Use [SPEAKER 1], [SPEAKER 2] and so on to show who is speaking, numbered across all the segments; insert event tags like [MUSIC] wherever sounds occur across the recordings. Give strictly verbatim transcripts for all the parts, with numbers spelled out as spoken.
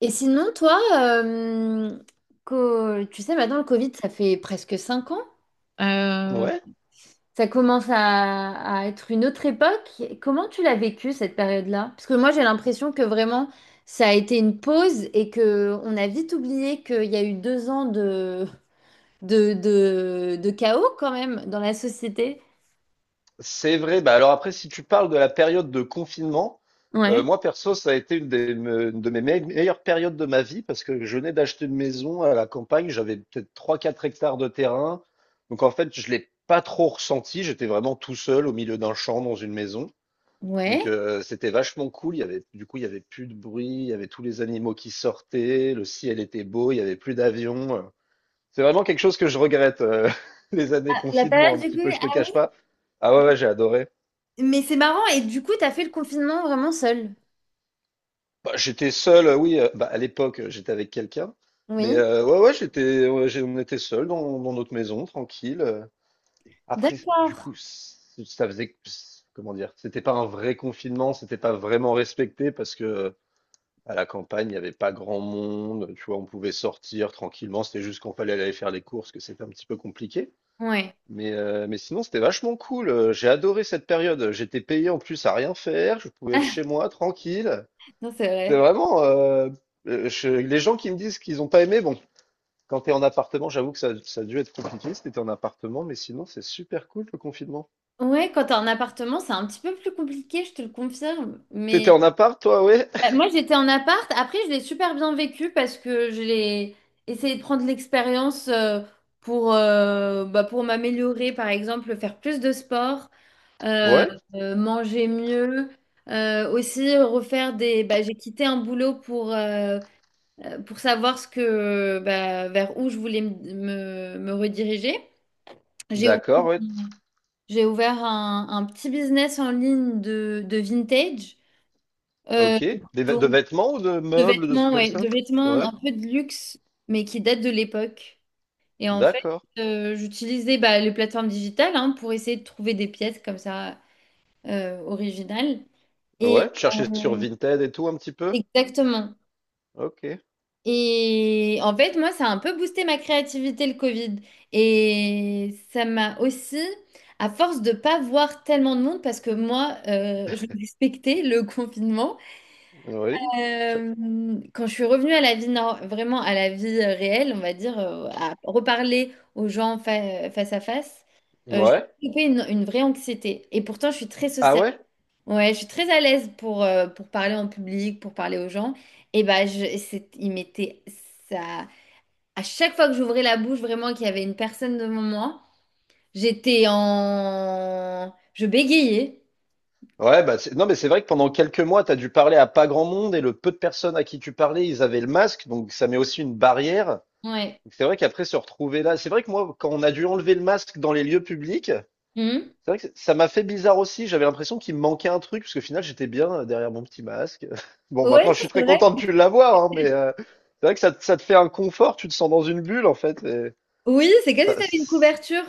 [SPEAKER 1] Et sinon, toi, euh, co- tu sais, maintenant le Covid, ça fait presque cinq ans. Euh,
[SPEAKER 2] Ouais,
[SPEAKER 1] Ça commence à, à être une autre époque. Comment tu l'as vécu cette période-là? Parce que moi, j'ai l'impression que vraiment, ça a été une pause et que on a vite oublié qu'il y a eu deux ans de, de, de, de chaos quand même dans la société.
[SPEAKER 2] c'est vrai. Bah alors après, si tu parles de la période de confinement, euh,
[SPEAKER 1] Ouais.
[SPEAKER 2] moi perso, ça a été une, des, me- une de mes me- meilleures périodes de ma vie parce que je venais d'acheter une maison à la campagne. J'avais peut-être trois quatre hectares de terrain. Donc en fait, je l'ai pas trop ressenti. J'étais vraiment tout seul au milieu d'un champ dans une maison. Donc
[SPEAKER 1] Ouais.
[SPEAKER 2] euh, c'était vachement cool. Il y avait, du coup, il y avait plus de bruit. Il y avait tous les animaux qui sortaient. Le ciel était beau. Il y avait plus d'avions. C'est vraiment quelque chose que je regrette, euh, [LAUGHS] les années
[SPEAKER 1] Ah, la
[SPEAKER 2] confinement,
[SPEAKER 1] période
[SPEAKER 2] un
[SPEAKER 1] du
[SPEAKER 2] petit peu,
[SPEAKER 1] Covid.
[SPEAKER 2] je te
[SPEAKER 1] Ah,
[SPEAKER 2] cache pas. Ah ouais, ouais, j'ai adoré.
[SPEAKER 1] oui. Mais c'est marrant. Et du coup, t'as fait le confinement vraiment seul.
[SPEAKER 2] Bah, j'étais seul, euh, oui, euh, bah, à l'époque, euh, j'étais avec quelqu'un. Mais
[SPEAKER 1] Oui.
[SPEAKER 2] euh, ouais, ouais, j'étais, ouais, j'ai- on était seul dans, dans notre maison, tranquille. euh. Après, du
[SPEAKER 1] D'accord.
[SPEAKER 2] coup, c- ça faisait, comment dire, c'était pas un vrai confinement, c'était pas vraiment respecté parce que euh, à la campagne, il n'y avait pas grand monde, tu vois, on pouvait sortir tranquillement, c'était juste qu'on fallait aller faire les courses, que c'était un petit peu compliqué.
[SPEAKER 1] Ouais.
[SPEAKER 2] Mais, euh, mais sinon, c'était vachement cool. Euh, J'ai adoré cette période. J'étais payé en plus à rien faire. Je pouvais être
[SPEAKER 1] [LAUGHS]
[SPEAKER 2] chez moi tranquille.
[SPEAKER 1] Non, c'est
[SPEAKER 2] C'est
[SPEAKER 1] vrai.
[SPEAKER 2] vraiment. euh, euh, je- les gens qui me disent qu'ils n'ont pas aimé, bon, quand tu es en appartement, j'avoue que ça, ça a dû être compliqué si t'étais en appartement, mais sinon, c'est super cool le confinement.
[SPEAKER 1] Ouais, quand t'es en appartement, c'est un petit peu plus compliqué, je te le confirme.
[SPEAKER 2] T'étais
[SPEAKER 1] Mais,
[SPEAKER 2] en appart, toi, ouais?
[SPEAKER 1] euh, moi, j'étais en appart. Après, je l'ai super bien vécu parce que je l'ai essayé de prendre l'expérience, euh, pour, euh, bah, pour m'améliorer, par exemple, faire plus de sport, euh,
[SPEAKER 2] Ouais?
[SPEAKER 1] euh, manger mieux. Euh, aussi refaire des, bah, j'ai quitté un boulot pour, euh, euh, pour savoir ce que, bah, vers où je voulais me, me me rediriger. j'ai ouvert
[SPEAKER 2] D'accord, ouais.
[SPEAKER 1] J'ai ouvert un, un petit business en ligne de, de vintage, euh,
[SPEAKER 2] Ok. Des vê- de
[SPEAKER 1] donc
[SPEAKER 2] vêtements ou de
[SPEAKER 1] de
[SPEAKER 2] meubles, de trucs
[SPEAKER 1] vêtements,
[SPEAKER 2] comme
[SPEAKER 1] ouais,
[SPEAKER 2] ça?
[SPEAKER 1] de vêtements
[SPEAKER 2] Ouais.
[SPEAKER 1] un peu de luxe, mais qui datent de l'époque. Et en fait,
[SPEAKER 2] D'accord.
[SPEAKER 1] euh, j'utilisais, bah, les plateformes digitales, hein, pour essayer de trouver des pièces comme ça, euh, originales. Et
[SPEAKER 2] Ouais. Tu cherchais sur
[SPEAKER 1] euh,
[SPEAKER 2] Vinted et tout un petit peu?
[SPEAKER 1] Exactement.
[SPEAKER 2] Ok.
[SPEAKER 1] Et en fait, moi, ça a un peu boosté ma créativité, le Covid. Et ça m'a aussi, à force de pas voir tellement de monde, parce que moi, euh, je respectais le [LAUGHS] confinement,
[SPEAKER 2] Oui. Ch-
[SPEAKER 1] euh, quand je suis revenue à la vie, nor- vraiment à la vie, euh, réelle, on va dire, euh, à reparler aux gens, fa- face à face, euh, j'ai
[SPEAKER 2] Ouais.
[SPEAKER 1] développé une, une vraie anxiété. Et pourtant, je suis très
[SPEAKER 2] Ah
[SPEAKER 1] sociale.
[SPEAKER 2] ouais?
[SPEAKER 1] Ouais, je suis très à l'aise pour, euh, pour parler en public, pour parler aux gens. Et bah, je, c'est- il m'était ça à chaque fois que j'ouvrais la bouche, vraiment, et qu'il y avait une personne devant moi, j'étais en... Je bégayais.
[SPEAKER 2] Ouais, bah c'est- non, mais c'est vrai que pendant quelques mois, tu as dû parler à pas grand monde et le peu de personnes à qui tu parlais, ils avaient le masque, donc ça met aussi une barrière.
[SPEAKER 1] Ouais.
[SPEAKER 2] Donc c'est vrai qu'après se retrouver là, c'est vrai que moi, quand on a dû enlever le masque dans les lieux publics, c'est
[SPEAKER 1] Mhm.
[SPEAKER 2] vrai que ça m'a fait bizarre aussi. J'avais l'impression qu'il me manquait un truc, parce qu'au final, j'étais bien derrière mon petit masque. [LAUGHS] Bon,
[SPEAKER 1] Ouais,
[SPEAKER 2] maintenant, je
[SPEAKER 1] non,
[SPEAKER 2] suis très
[SPEAKER 1] c'est vrai.
[SPEAKER 2] content de plus l'avoir, hein, mais euh, c'est vrai que ça, te- ça te fait un confort, tu te sens dans une bulle, en fait. Et
[SPEAKER 1] Oui, c'est comme si
[SPEAKER 2] ça,
[SPEAKER 1] t'avais une couverture.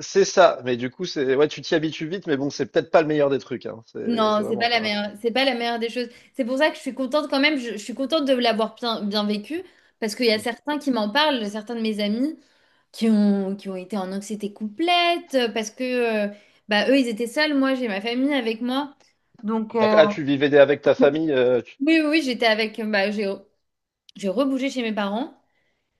[SPEAKER 2] c'est ça, mais du coup, c'est ouais, tu t'y habitues vite, mais bon, c'est peut-être pas le meilleur des trucs, hein. C'est c'est
[SPEAKER 1] Non, c'est
[SPEAKER 2] vraiment
[SPEAKER 1] pas la
[SPEAKER 2] pas. Hein.
[SPEAKER 1] meilleure, c'est pas la meilleure des choses. C'est pour ça que je suis contente quand même, je, je suis contente de l'avoir bien, bien vécu, parce qu'il y a certains qui m'en parlent, certains de mes amis qui ont, qui ont été en anxiété complète, euh, parce que, euh, bah, eux, ils étaient seuls, moi, j'ai ma famille avec moi.
[SPEAKER 2] D'accord. Ah, tu vivais avec ta famille, euh, tu-
[SPEAKER 1] Oui, oui, oui, j'étais avec, bah, j'ai, j'ai rebougé chez mes parents.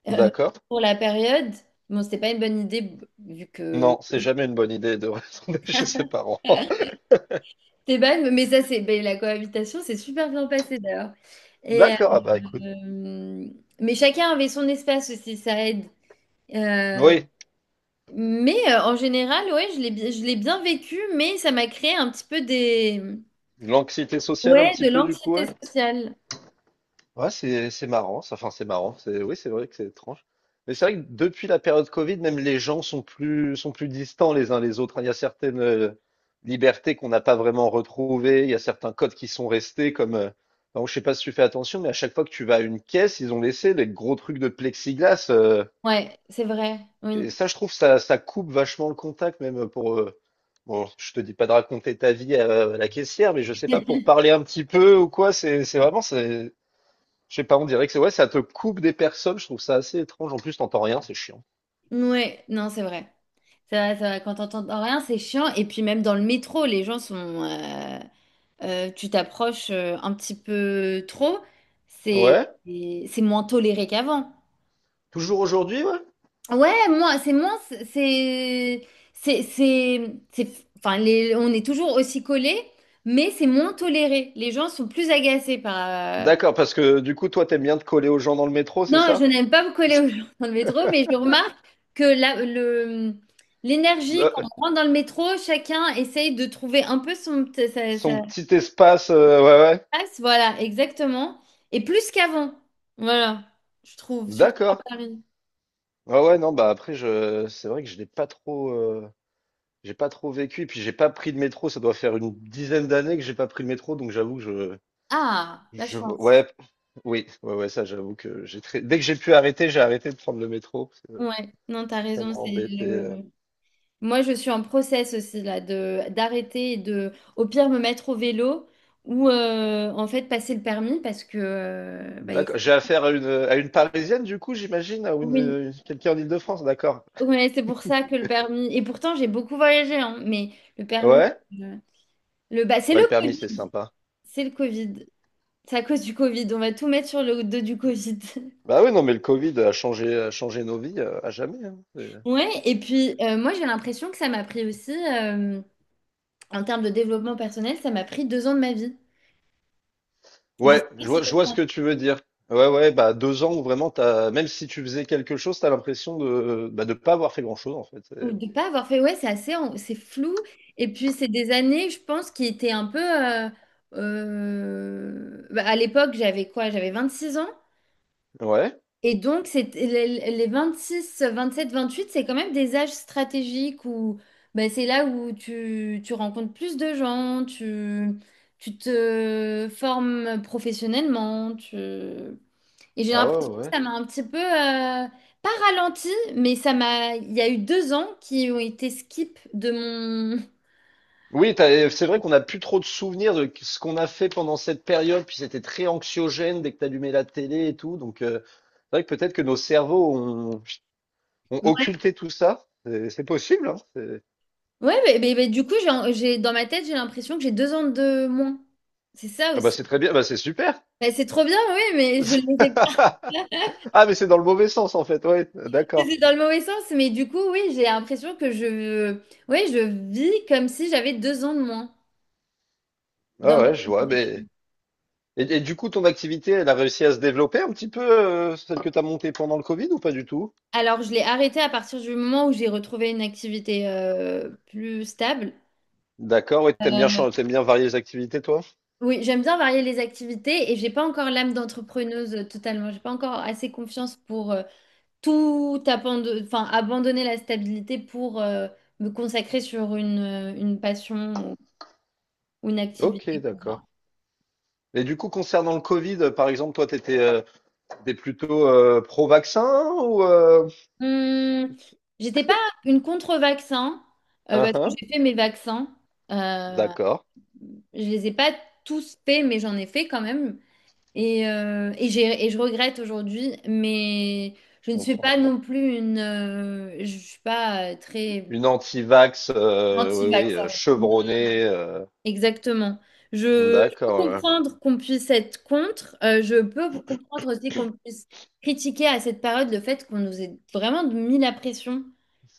[SPEAKER 1] Euh,
[SPEAKER 2] d'accord.
[SPEAKER 1] pour la période, bon, c'était pas une bonne idée, b- vu que
[SPEAKER 2] Non, c'est jamais une bonne idée de retourner [LAUGHS] chez ses parents. [LAUGHS]
[SPEAKER 1] Esteban, mais ça, c'est, ben, la cohabitation, c'est super bien passé d'ailleurs. Et,
[SPEAKER 2] D'accord, ah bah écoute.
[SPEAKER 1] euh, mais chacun avait son espace aussi, ça aide. Euh,
[SPEAKER 2] Oui,
[SPEAKER 1] mais euh, en général, ouais, je l'ai bi- je l'ai bien vécu, mais ça m'a créé un petit peu des...
[SPEAKER 2] l'anxiété sociale un
[SPEAKER 1] Ouais,
[SPEAKER 2] petit
[SPEAKER 1] de
[SPEAKER 2] peu du coup,
[SPEAKER 1] l'anxiété
[SPEAKER 2] ouais.
[SPEAKER 1] sociale.
[SPEAKER 2] Ouais, c'est c'est marrant, ça. Enfin, c'est marrant. C'est Oui, c'est vrai que c'est étrange. Mais c'est vrai que depuis la période Covid, même les gens sont plus sont plus distants les uns les autres, hein. Il y a certaines euh, libertés qu'on n'a pas vraiment retrouvées. Il y a certains codes qui sont restés comme. euh, Alors, je sais pas si tu fais attention, mais à chaque fois que tu vas à une caisse, ils ont laissé les gros trucs de plexiglas. euh,
[SPEAKER 1] Ouais, c'est vrai.
[SPEAKER 2] Et
[SPEAKER 1] Oui.
[SPEAKER 2] ça, je trouve, ça, ça coupe vachement le contact, même pour. Euh, bon, je te dis pas de raconter ta vie à, à la caissière, mais je sais pas, pour parler un petit peu ou quoi, c'est c'est vraiment. c'est- Je sais pas, on dirait que c'est ouais, ça te coupe des personnes, je trouve ça assez étrange. En plus, t'entends rien, c'est chiant.
[SPEAKER 1] Ouais, non, c'est vrai. C'est vrai, c'est vrai. Quand t'entends rien, c'est chiant. Et puis même dans le métro, les gens sont... euh, euh, tu t'approches, euh, un petit peu trop, c'est
[SPEAKER 2] Ouais?
[SPEAKER 1] c'est moins toléré qu'avant.
[SPEAKER 2] Toujours aujourd'hui, ouais?
[SPEAKER 1] Ouais, moi, c'est moins, c'est, c'est, c'est, c'est- enfin, les- on est toujours aussi collés, mais c'est moins toléré. Les gens sont plus agacés par. euh,
[SPEAKER 2] D'accord, parce que du coup, toi, t'aimes bien te coller aux gens dans le métro, c'est
[SPEAKER 1] Non, je
[SPEAKER 2] ça?
[SPEAKER 1] n'aime pas me coller aux gens
[SPEAKER 2] [LAUGHS]
[SPEAKER 1] dans le métro, mais je remarque que la, le, l'énergie
[SPEAKER 2] Euh,
[SPEAKER 1] quand on rentre dans le métro, chacun essaye de trouver un peu son, sa,
[SPEAKER 2] son
[SPEAKER 1] sa-
[SPEAKER 2] petit espace, euh, ouais, ouais.
[SPEAKER 1] passe, voilà, exactement. Et plus qu'avant. Voilà, je trouve, surtout à
[SPEAKER 2] D'accord.
[SPEAKER 1] Paris.
[SPEAKER 2] Ouais, ouais, non, bah après, je, c'est vrai que je l'ai pas trop. euh, J'ai pas trop vécu, et puis j'ai pas pris de métro. Ça doit faire une dizaine d'années que j'ai pas pris de métro, donc j'avoue que
[SPEAKER 1] Ah,
[SPEAKER 2] je,
[SPEAKER 1] la
[SPEAKER 2] je,
[SPEAKER 1] chance.
[SPEAKER 2] ouais, oui, ouais, ouais, ça, j'avoue que j'ai très, dès que j'ai pu arrêter, j'ai arrêté de prendre le métro, parce que
[SPEAKER 1] Ouais, non, t'as
[SPEAKER 2] ça m'a
[SPEAKER 1] raison, c'est
[SPEAKER 2] embêté. euh.
[SPEAKER 1] le... Moi, je suis en process aussi, là, de d'arrêter et de, au pire, me mettre au vélo ou, euh, en fait, passer le permis parce que... euh, bah, il-
[SPEAKER 2] D'accord. J'ai affaire à une, à une Parisienne, du coup, j'imagine, ou une,
[SPEAKER 1] oui,
[SPEAKER 2] une- quelqu'un en Île-de-France, d'accord.
[SPEAKER 1] ouais, c'est pour ça que le permis... Et pourtant, j'ai beaucoup voyagé, hein, mais le permis...
[SPEAKER 2] Ouais.
[SPEAKER 1] euh, Le... Bah, c'est
[SPEAKER 2] Ouais,
[SPEAKER 1] le
[SPEAKER 2] le permis, c'est
[SPEAKER 1] Covid,
[SPEAKER 2] sympa.
[SPEAKER 1] c'est le Covid. C'est à cause du Covid, on va tout mettre sur le dos du Covid. [LAUGHS]
[SPEAKER 2] Bah oui, non, mais le Covid a changé, a changé nos vies euh, à jamais, hein.
[SPEAKER 1] Ouais, et puis, euh, moi, j'ai l'impression que ça m'a pris aussi, euh, en termes de développement personnel, ça m'a pris deux ans de ma vie. Je sais
[SPEAKER 2] Ouais,
[SPEAKER 1] pas
[SPEAKER 2] je
[SPEAKER 1] si
[SPEAKER 2] vois, je
[SPEAKER 1] t'as-
[SPEAKER 2] vois ce
[SPEAKER 1] ça.
[SPEAKER 2] que tu veux dire. Ouais, ouais, bah deux ans où vraiment t'as, même si tu faisais quelque chose, t'as l'impression de, bah, de pas avoir fait grand-chose en
[SPEAKER 1] Ou
[SPEAKER 2] fait.
[SPEAKER 1] de pas avoir fait, ouais, c'est assez, en- c'est flou. Et puis c'est des années, je pense, qui étaient un peu. Euh, euh, bah, à l'époque, j'avais quoi? J'avais vingt-six ans.
[SPEAKER 2] Et- ouais,
[SPEAKER 1] Et donc, c'est les les sept vingt-huit, c'est quand même des âges stratégiques où ben, c'est là où tu, tu rencontres plus de gens, tu, tu te formes professionnellement. Tu... Et j'ai
[SPEAKER 2] ah ouais,
[SPEAKER 1] l'impression
[SPEAKER 2] ouais,
[SPEAKER 1] que
[SPEAKER 2] ouais.
[SPEAKER 1] ça m'a un petit peu, euh, pas ralenti, mais ça m'a, il y a eu deux ans qui ont été skip de mon...
[SPEAKER 2] Oui, t'as- c'est vrai qu'on n'a plus trop de souvenirs de ce qu'on a fait pendant cette période, puis c'était très anxiogène dès que t'allumais la télé et tout. Donc euh, c'est vrai que peut-être que nos cerveaux ont, ont
[SPEAKER 1] Ouais,
[SPEAKER 2] occulté tout ça. C'est c'est possible, hein. C'est-
[SPEAKER 1] ouais, mais, mais- mais du coup, j'ai, j'ai- dans ma tête, j'ai l'impression que j'ai deux ans de moins. C'est ça
[SPEAKER 2] ah bah
[SPEAKER 1] aussi.
[SPEAKER 2] c'est très bien, bah c'est super.
[SPEAKER 1] Ben, c'est trop bien, oui, mais je les ai pas.
[SPEAKER 2] [LAUGHS] Ah mais c'est dans le mauvais sens en fait, ouais,
[SPEAKER 1] Oui,
[SPEAKER 2] d'accord.
[SPEAKER 1] c'est dans le mauvais sens, mais du coup, oui, j'ai l'impression que je, oui, je vis comme si j'avais deux ans de moins. Dans
[SPEAKER 2] Ah ouais, je
[SPEAKER 1] mon-
[SPEAKER 2] vois, mais. Et, et du coup, ton activité, elle a réussi à se développer un petit peu, euh, celle que tu as montée pendant le Covid ou pas du tout?
[SPEAKER 1] Alors, je l'ai arrêté à partir du moment où j'ai retrouvé une activité, euh, plus stable.
[SPEAKER 2] D'accord, et t'aimes bien, chan- t'aimes bien varier les activités, toi?
[SPEAKER 1] Oui, j'aime bien varier les activités et j'ai pas encore l'âme d'entrepreneuse, euh, totalement. J'ai pas encore assez confiance pour, euh, tout abandonner, enfin, abandonner la stabilité pour, euh, me consacrer sur une, euh, une passion ou une
[SPEAKER 2] Ok,
[SPEAKER 1] activité.
[SPEAKER 2] d'accord. Et du coup, concernant le Covid, euh, par exemple, toi, t'étais, euh, t'es plutôt euh, pro-vaccin ou... Euh...
[SPEAKER 1] Hum, J'étais pas une contre-vaccin, euh,
[SPEAKER 2] hein,
[SPEAKER 1] parce que
[SPEAKER 2] hein.
[SPEAKER 1] j'ai fait mes vaccins. Euh,
[SPEAKER 2] D'accord,
[SPEAKER 1] je les ai pas tous faits, mais j'en ai fait quand même. Et, euh, et j'ai, et je regrette aujourd'hui, mais je
[SPEAKER 2] je
[SPEAKER 1] ne suis pas
[SPEAKER 2] comprends.
[SPEAKER 1] non plus une. Euh, je suis pas, euh, très
[SPEAKER 2] Une anti-vax, euh, oui, oui, euh,
[SPEAKER 1] anti-vaccin. Oui.
[SPEAKER 2] chevronnée, euh,
[SPEAKER 1] Exactement. Je, je peux
[SPEAKER 2] d'accord, ouais.
[SPEAKER 1] comprendre qu'on puisse être contre. Euh, je peux comprendre aussi qu'on puisse critiquer à cette période le fait qu'on nous ait vraiment mis la pression.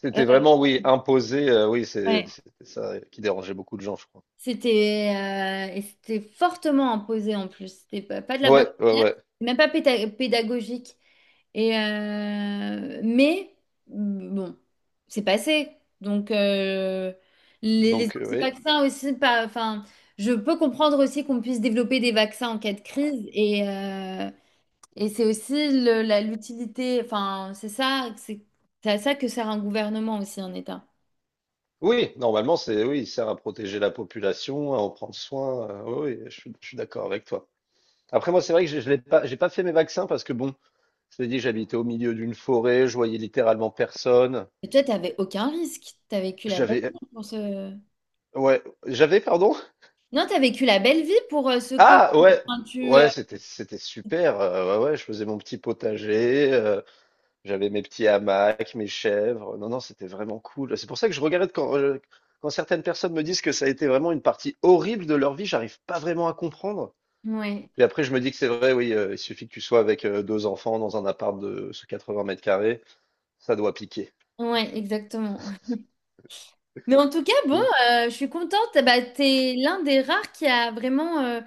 [SPEAKER 2] C'était vraiment, oui, imposé, euh, oui,
[SPEAKER 1] Euh,
[SPEAKER 2] c'est, c'était ça qui dérangeait beaucoup de gens, je crois.
[SPEAKER 1] C'était euh, et c'était fortement imposé en plus. C'était pas, pas de la bonne
[SPEAKER 2] Ouais, ouais,
[SPEAKER 1] manière,
[SPEAKER 2] ouais.
[SPEAKER 1] même pas péta- pédagogique. Et euh, mais bon, c'est passé. Donc, euh, les, les
[SPEAKER 2] Donc, euh, oui.
[SPEAKER 1] vaccins aussi, pas, enfin, je peux comprendre aussi qu'on puisse développer des vaccins en cas de crise. Et, euh, et c'est aussi le- la, l'utilité. Enfin, c'est ça, c'est c'est à ça que sert un gouvernement aussi, un État.
[SPEAKER 2] Oui, normalement, c'est oui, il sert à protéger la population, à en prendre soin. euh, oui, oui, je suis, je suis d'accord avec toi. Après, moi, c'est vrai que je, je l'ai pas, j'ai pas fait mes vaccins parce que bon, je t'ai dit, j'habitais au milieu d'une forêt, je voyais littéralement personne.
[SPEAKER 1] Et toi, t'avais aucun risque. T'as vécu la belle
[SPEAKER 2] J'avais,
[SPEAKER 1] vie pour ce.
[SPEAKER 2] ouais, j'avais, pardon.
[SPEAKER 1] Non, t'as vécu la belle vie pour, euh, ce Covid.
[SPEAKER 2] Ah, ouais,
[SPEAKER 1] Enfin, tu,
[SPEAKER 2] ouais,
[SPEAKER 1] euh,
[SPEAKER 2] c'était, c'était super. euh, ouais, ouais, je faisais mon petit potager, euh, j'avais mes petits hamacs, mes chèvres. Non, non, c'était vraiment cool. C'est pour ça que je regarde quand, euh, quand certaines personnes me disent que ça a été vraiment une partie horrible de leur vie, j'arrive pas vraiment à comprendre.
[SPEAKER 1] ouais,
[SPEAKER 2] Puis après, je me dis que c'est vrai, oui, heu, il suffit que tu sois avec, heu, deux enfants dans un appart de ce quatre-vingts mètres carrés, ça doit piquer.
[SPEAKER 1] ouais, exactement. Mais en tout cas, bon,
[SPEAKER 2] Donc
[SPEAKER 1] euh, je suis contente. Bah, t'es l'un des rares qui a vraiment, euh,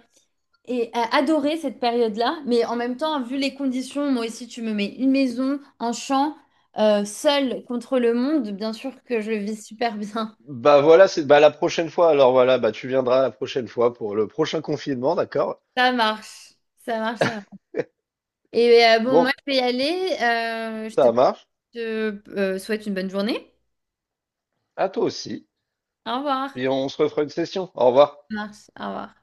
[SPEAKER 1] et, a adoré cette période-là. Mais en même temps, vu les conditions, moi aussi, tu me mets une maison, un champ, euh, seule contre le monde. Bien sûr que je le vis super bien.
[SPEAKER 2] bah, voilà, c'est bah, la prochaine fois, alors voilà, bah, tu viendras la prochaine fois pour le prochain confinement, d'accord?
[SPEAKER 1] [LAUGHS] Ça marche, ça marche, ça marche. Et euh, bon,
[SPEAKER 2] Bon,
[SPEAKER 1] moi, je vais y aller. Euh, je te,
[SPEAKER 2] ça marche.
[SPEAKER 1] te, euh, souhaite une bonne journée.
[SPEAKER 2] À toi aussi,
[SPEAKER 1] Au
[SPEAKER 2] puis
[SPEAKER 1] revoir.
[SPEAKER 2] on se refera une session. Au revoir.
[SPEAKER 1] Ça marche, au revoir.